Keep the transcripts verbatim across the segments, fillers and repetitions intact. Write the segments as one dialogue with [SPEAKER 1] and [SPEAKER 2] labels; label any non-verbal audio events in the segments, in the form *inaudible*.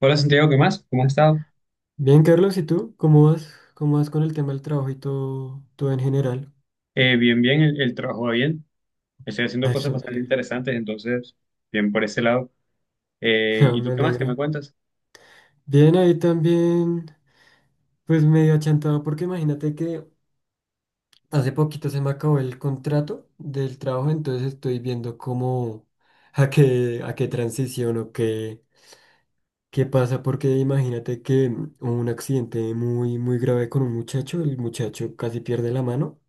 [SPEAKER 1] Hola Santiago, ¿qué más? ¿Cómo has estado?
[SPEAKER 2] Bien, Carlos, ¿y tú? ¿Cómo vas? ¿Cómo vas con el tema del trabajo y todo, todo en general?
[SPEAKER 1] Eh, bien, bien, el, el trabajo va bien. Estoy haciendo cosas
[SPEAKER 2] Eso me
[SPEAKER 1] bastante
[SPEAKER 2] alegra.
[SPEAKER 1] interesantes, entonces, bien por ese lado.
[SPEAKER 2] *laughs*
[SPEAKER 1] Eh,
[SPEAKER 2] No,
[SPEAKER 1] ¿y
[SPEAKER 2] me
[SPEAKER 1] tú qué más? ¿Qué me
[SPEAKER 2] alegra.
[SPEAKER 1] cuentas?
[SPEAKER 2] Bien, ahí también, pues medio achantado, porque imagínate que hace poquito se me acabó el contrato del trabajo, entonces estoy viendo cómo, a qué, a qué transición o qué, qué pasa, porque imagínate que mm, hubo un accidente muy, muy grave con un muchacho, el muchacho casi pierde la mano,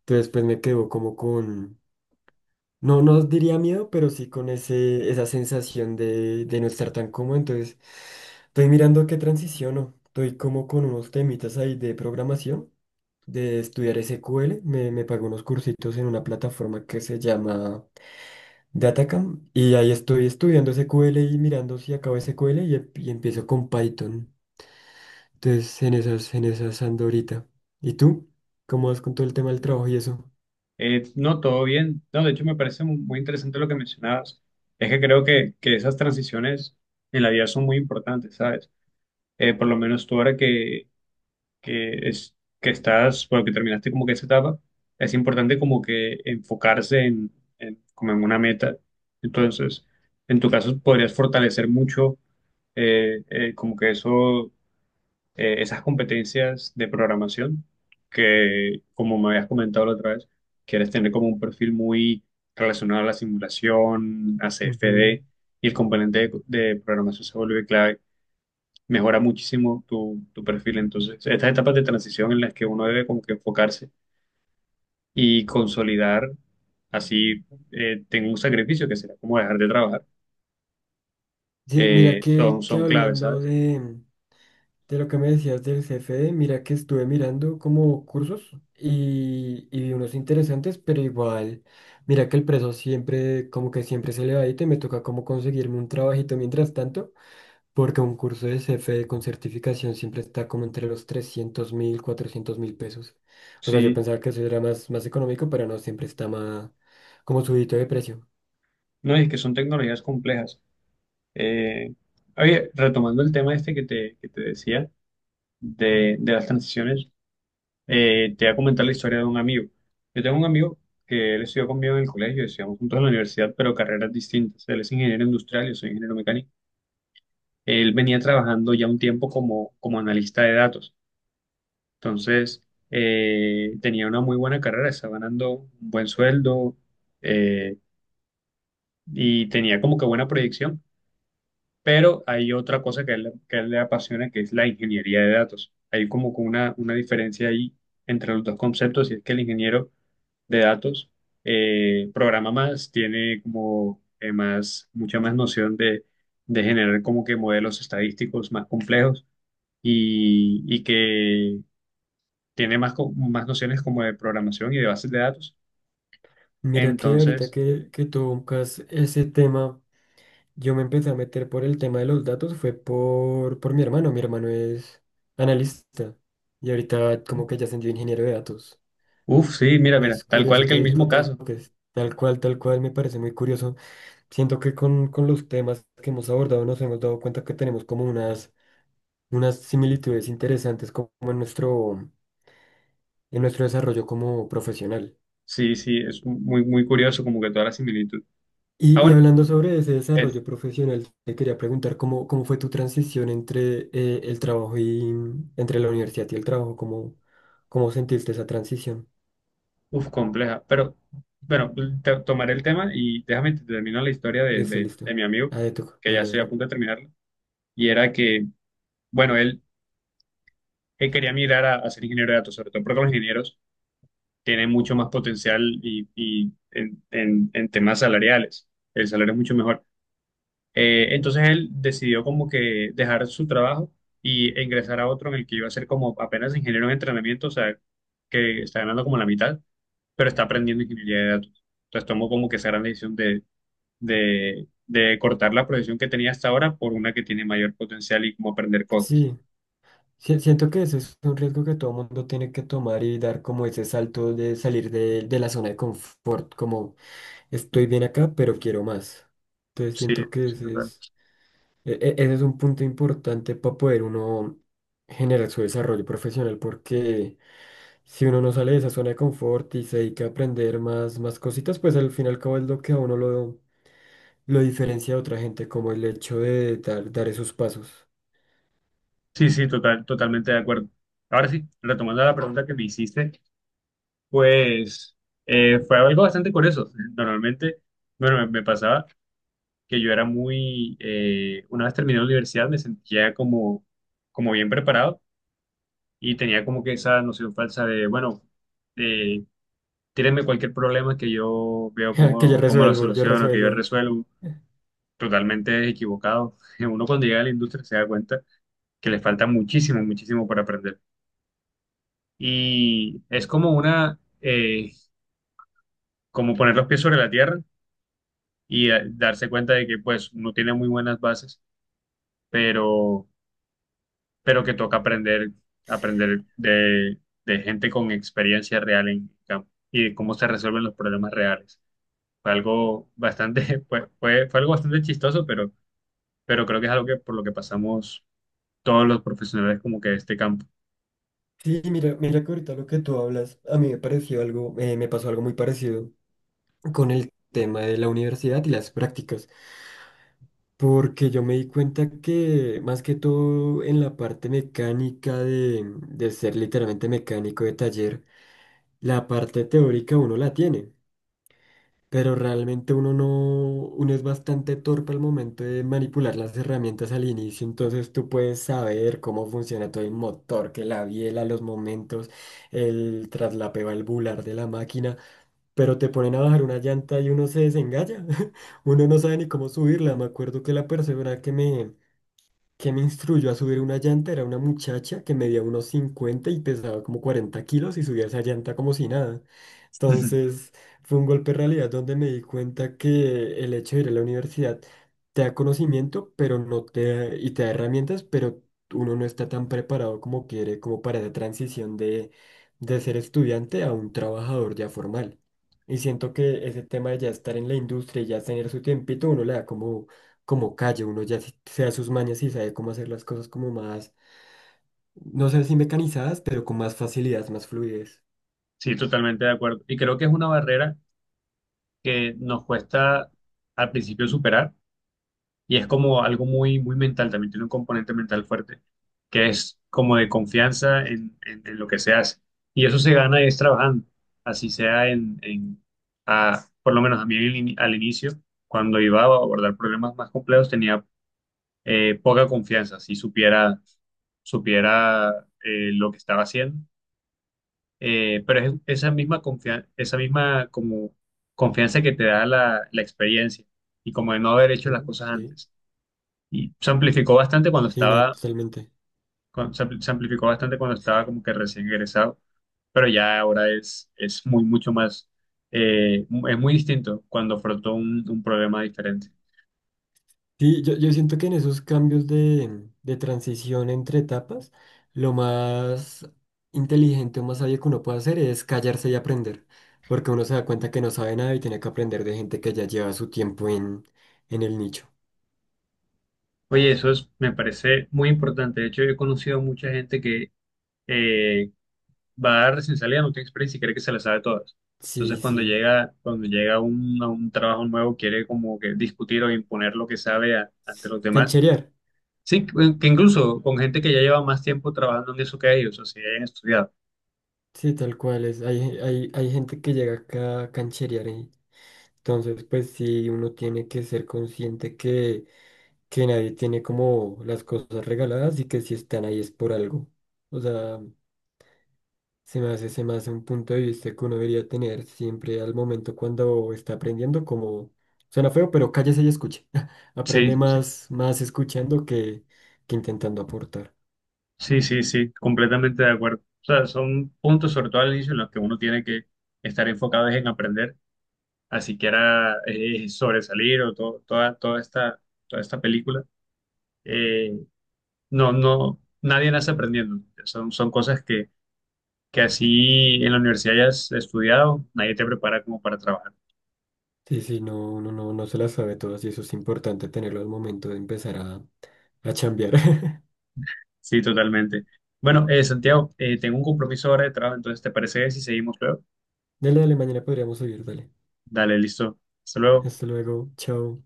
[SPEAKER 2] entonces pues me quedo como con... No, no diría miedo, pero sí con ese, esa sensación de, de no estar tan cómodo. Entonces, estoy mirando qué transiciono. Estoy como con unos temitas ahí de programación, de estudiar S Q L. Me, me pago unos cursitos en una plataforma que se llama Datacam. Y ahí estoy estudiando S Q L y mirando si acabo S Q L y, em- y empiezo con Python. Entonces, en esas, en esas ando ahorita. ¿Y tú? ¿Cómo vas con todo el tema del trabajo y eso?
[SPEAKER 1] Eh, no, todo bien. No, de hecho me parece mu- muy interesante lo que mencionabas. Es que creo que, que esas transiciones en la vida son muy importantes, ¿sabes? Eh, por lo menos tú ahora que, que es que estás, bueno, que terminaste como que esa etapa, es importante como que enfocarse en, en- como en una meta. Entonces, en tu caso podrías fortalecer mucho eh, eh, como que eso, eh, esas competencias de programación que, como me habías comentado la otra vez, quieres tener como un perfil muy relacionado a la simulación, a
[SPEAKER 2] Ujú.
[SPEAKER 1] C F D, y el componente de, de programación se vuelve clave, mejora muchísimo tu, tu perfil. Entonces, estas etapas de transición en las que uno debe como que enfocarse y consolidar, así eh, tengo un sacrificio que será como dejar de trabajar,
[SPEAKER 2] Sí, mira
[SPEAKER 1] eh,
[SPEAKER 2] que,
[SPEAKER 1] son,
[SPEAKER 2] que
[SPEAKER 1] son claves,
[SPEAKER 2] hablando
[SPEAKER 1] ¿sabes?
[SPEAKER 2] de... De lo que me decías del C F D, mira que estuve mirando como cursos y, y vi unos interesantes, pero igual, mira que el precio siempre, como que siempre se le va y te me toca como conseguirme un trabajito mientras tanto, porque un curso de C F D con certificación siempre está como entre los trescientos mil, cuatrocientos mil pesos. O sea, yo
[SPEAKER 1] Sí,
[SPEAKER 2] pensaba que eso era más, más económico, pero no, siempre está más como subidito de precio.
[SPEAKER 1] no, y es que son tecnologías complejas. Eh, Oye, retomando el tema este que te, que te decía de, de las transiciones, eh, te voy a comentar la historia de un amigo. Yo tengo un amigo que él estudió conmigo en el colegio, estudiamos juntos en la universidad, pero carreras distintas. Él es ingeniero industrial, yo soy ingeniero mecánico. Él venía trabajando ya un tiempo como, como analista de datos. Entonces, eh, tenía una muy buena carrera, estaba ganando un buen sueldo eh, y tenía como que buena proyección. Pero hay otra cosa que a él, que a él le apasiona, que es la ingeniería de datos. Hay como que una, una diferencia ahí entre los dos conceptos, y es que el ingeniero de datos eh, programa más, tiene como eh, más, mucha más noción de, de generar como que modelos estadísticos más complejos y, y que tiene más, co- más nociones como de programación y de bases de datos.
[SPEAKER 2] Mira que ahorita
[SPEAKER 1] Entonces,
[SPEAKER 2] que, que tocas ese tema. Yo me empecé a meter por el tema de los datos, fue por, por mi hermano. Mi hermano es analista y ahorita como que ya ascendió a ingeniero de datos.
[SPEAKER 1] uff, sí, mira, mira,
[SPEAKER 2] Es
[SPEAKER 1] tal
[SPEAKER 2] curioso
[SPEAKER 1] cual, que
[SPEAKER 2] que
[SPEAKER 1] el mismo
[SPEAKER 2] lo
[SPEAKER 1] caso.
[SPEAKER 2] toques. Tal cual, tal cual, me parece muy curioso. Siento que con, con los temas que hemos abordado nos hemos dado cuenta que tenemos como unas, unas similitudes interesantes como en nuestro, en nuestro desarrollo como profesional.
[SPEAKER 1] Sí, sí, es muy, muy curioso como que toda la similitud. Ah,
[SPEAKER 2] Y, y
[SPEAKER 1] bueno,
[SPEAKER 2] hablando sobre ese
[SPEAKER 1] es
[SPEAKER 2] desarrollo profesional, te quería preguntar cómo, cómo fue tu transición entre eh, el trabajo y entre la universidad y el trabajo, cómo, cómo sentiste esa transición.
[SPEAKER 1] uf, compleja, pero bueno, te- tomaré el tema y déjame te termino la historia de,
[SPEAKER 2] Listo,
[SPEAKER 1] de, de
[SPEAKER 2] listo.
[SPEAKER 1] mi amigo,
[SPEAKER 2] A de tú,
[SPEAKER 1] que ya
[SPEAKER 2] dale,
[SPEAKER 1] estoy a
[SPEAKER 2] dale.
[SPEAKER 1] punto de terminarla. Y era que, bueno, él, él quería migrar a, a ser ingeniero de datos, sobre todo porque los ingenieros tiene mucho más potencial y, y en, en- en temas salariales. El salario es mucho mejor. Eh, entonces él decidió como que dejar su trabajo y ingresar a otro en el que iba a ser como apenas ingeniero en entrenamiento, o sea, que está ganando como la mitad, pero está aprendiendo ingeniería de datos. Entonces tomó como que esa gran decisión de, de, de cortar la profesión que tenía hasta ahora por una que tiene mayor potencial y como aprender cosas.
[SPEAKER 2] Sí, sí, siento que ese es un riesgo que todo mundo tiene que tomar y dar como ese salto de salir de, de la zona de confort, como estoy bien acá, pero quiero más. Entonces
[SPEAKER 1] Sí,
[SPEAKER 2] siento que
[SPEAKER 1] sí,
[SPEAKER 2] ese
[SPEAKER 1] total.
[SPEAKER 2] es, e- e- ese es un punto importante para poder uno generar su desarrollo profesional porque si uno no sale de esa zona de confort y se dedica a aprender más, más cositas, pues al final y al cabo es lo que a uno lo, lo diferencia de otra gente, como el hecho de dar, dar esos pasos.
[SPEAKER 1] Sí, sí, total, totalmente de acuerdo. Ahora sí, retomando la pregunta que me hiciste, pues eh, fue algo bastante curioso. Normalmente, bueno, me, me pasaba que yo era muy, eh, una vez terminé la universidad me sentía como, como bien preparado y tenía como que esa noción falsa de, bueno, eh, tírenme cualquier problema que yo veo
[SPEAKER 2] *laughs* Que ya
[SPEAKER 1] cómo, cómo lo
[SPEAKER 2] resuelvo, ya
[SPEAKER 1] soluciono, que yo
[SPEAKER 2] resuelvo.
[SPEAKER 1] resuelvo, totalmente equivocado. *laughs* Uno cuando llega a la industria se da cuenta que le falta muchísimo, muchísimo por aprender. Y es como una, eh, como poner los pies sobre la tierra y eh, darse cuenta de que pues no tiene muy buenas bases, pero, pero que toca aprender, aprender de, de gente con experiencia real en campo y de cómo se resuelven los problemas reales. Fue algo bastante, *laughs* fue, fue, fue algo bastante chistoso, pero, pero creo que es algo que por lo que pasamos todos los profesionales como que de este campo.
[SPEAKER 2] Sí, mira, mira que ahorita lo que tú hablas, a mí me pareció algo, eh, me pasó algo muy parecido con el tema de la universidad y las prácticas, porque yo me di cuenta que más que todo en la parte mecánica de, de ser literalmente mecánico de taller, la parte teórica uno la tiene. Pero realmente uno no, uno es bastante torpe al momento de manipular las herramientas al inicio, entonces tú puedes saber cómo funciona todo el motor, que la biela, los momentos, el traslapeo valvular de la máquina, pero te ponen a bajar una llanta y uno se desengaña, *laughs* uno no sabe ni cómo subirla, me acuerdo que la persona que me... que me instruyó a subir una llanta era una muchacha que medía unos cincuenta y pesaba como cuarenta kilos y subía esa llanta como si nada. Entonces fue un golpe de realidad donde me di cuenta que el hecho de ir a la universidad te da conocimiento, pero no te da- y te da herramientas, pero uno no está tan preparado como quiere, como para esa transición de, de ser estudiante a un trabajador ya formal. Y siento que ese tema de ya estar en la industria y ya tener su tiempito, uno le da como, como calle, uno ya se se da sus mañas y sabe cómo hacer las cosas como más, no sé si mecanizadas, pero con más facilidad, más fluidez.
[SPEAKER 1] Sí, totalmente de acuerdo. Y creo que es una barrera que nos cuesta al principio superar. Y es como algo muy, muy mental, también tiene un componente mental fuerte, que es como de confianza en, en- en lo que se hace. Y eso se gana es trabajando, así sea en, en- a- por lo menos a mí al ini- al inicio, cuando iba a abordar problemas más complejos, tenía eh, poca confianza, si supiera, supiera eh, lo que estaba haciendo. Eh, pero es esa misma confianza, esa misma como confianza que te da la, la experiencia y como de no haber hecho las
[SPEAKER 2] Ujú.
[SPEAKER 1] cosas
[SPEAKER 2] Sí,
[SPEAKER 1] antes. Y se amplificó bastante cuando
[SPEAKER 2] sí, no,
[SPEAKER 1] estaba,
[SPEAKER 2] totalmente.
[SPEAKER 1] cuan- se ampli- se amplificó bastante cuando estaba como que recién egresado, pero ya ahora es, es muy, mucho más, eh, mu- es muy distinto cuando afrontó un, un problema diferente.
[SPEAKER 2] Sí, yo, yo siento que en esos cambios de, de transición entre etapas, lo más inteligente o más sabio que uno puede hacer es callarse y aprender, porque uno se da cuenta que no sabe nada y tiene que aprender de gente que ya lleva su tiempo en, en el nicho.
[SPEAKER 1] Oye, eso es, me parece muy importante. De hecho, yo he conocido mucha gente que eh, va a dar recién salida, no tiene experiencia y cree que se la sabe todas. Entonces,
[SPEAKER 2] Sí,
[SPEAKER 1] cuando
[SPEAKER 2] sí.
[SPEAKER 1] llega, cuando llega un, a un trabajo nuevo, quiere como que discutir o imponer lo que sabe a- ante los demás.
[SPEAKER 2] Cancherear,
[SPEAKER 1] Sí, que que incluso con gente que ya lleva más tiempo trabajando en eso que ellos, o sea, hayan estudiado.
[SPEAKER 2] sí, tal cual es. Hay, hay, hay gente que llega acá a cancherear y entonces pues sí, uno tiene que ser consciente que, que nadie tiene como las cosas regaladas y que si están ahí es por algo. O sea... Se me hace, se me hace un punto de vista que uno debería tener siempre al momento cuando está aprendiendo, como suena feo, pero cállese y escuche. *laughs* Aprende
[SPEAKER 1] Sí, sí,
[SPEAKER 2] más, más escuchando que, que intentando aportar.
[SPEAKER 1] sí, sí, sí, completamente de acuerdo. O sea, son puntos, sobre todo al inicio, en los que uno tiene que estar enfocado es en aprender, así que era eh, sobresalir o to- toda, toda esta, toda esta película. Eh, no, no, nadie nace aprendiendo. Son, son cosas que, que así en la universidad hayas estudiado, nadie te prepara como para trabajar.
[SPEAKER 2] Sí, sí, no, uno no, no se las sabe todas y eso es importante tenerlo al momento de empezar a, a chambear. *laughs*
[SPEAKER 1] Sí, totalmente. Bueno, eh, Santiago, eh, tengo un compromiso ahora de trabajo, entonces, ¿te parece si seguimos luego?
[SPEAKER 2] Dale, dale, mañana podríamos seguir, dale.
[SPEAKER 1] Dale, listo. Hasta luego.
[SPEAKER 2] Hasta luego, chao.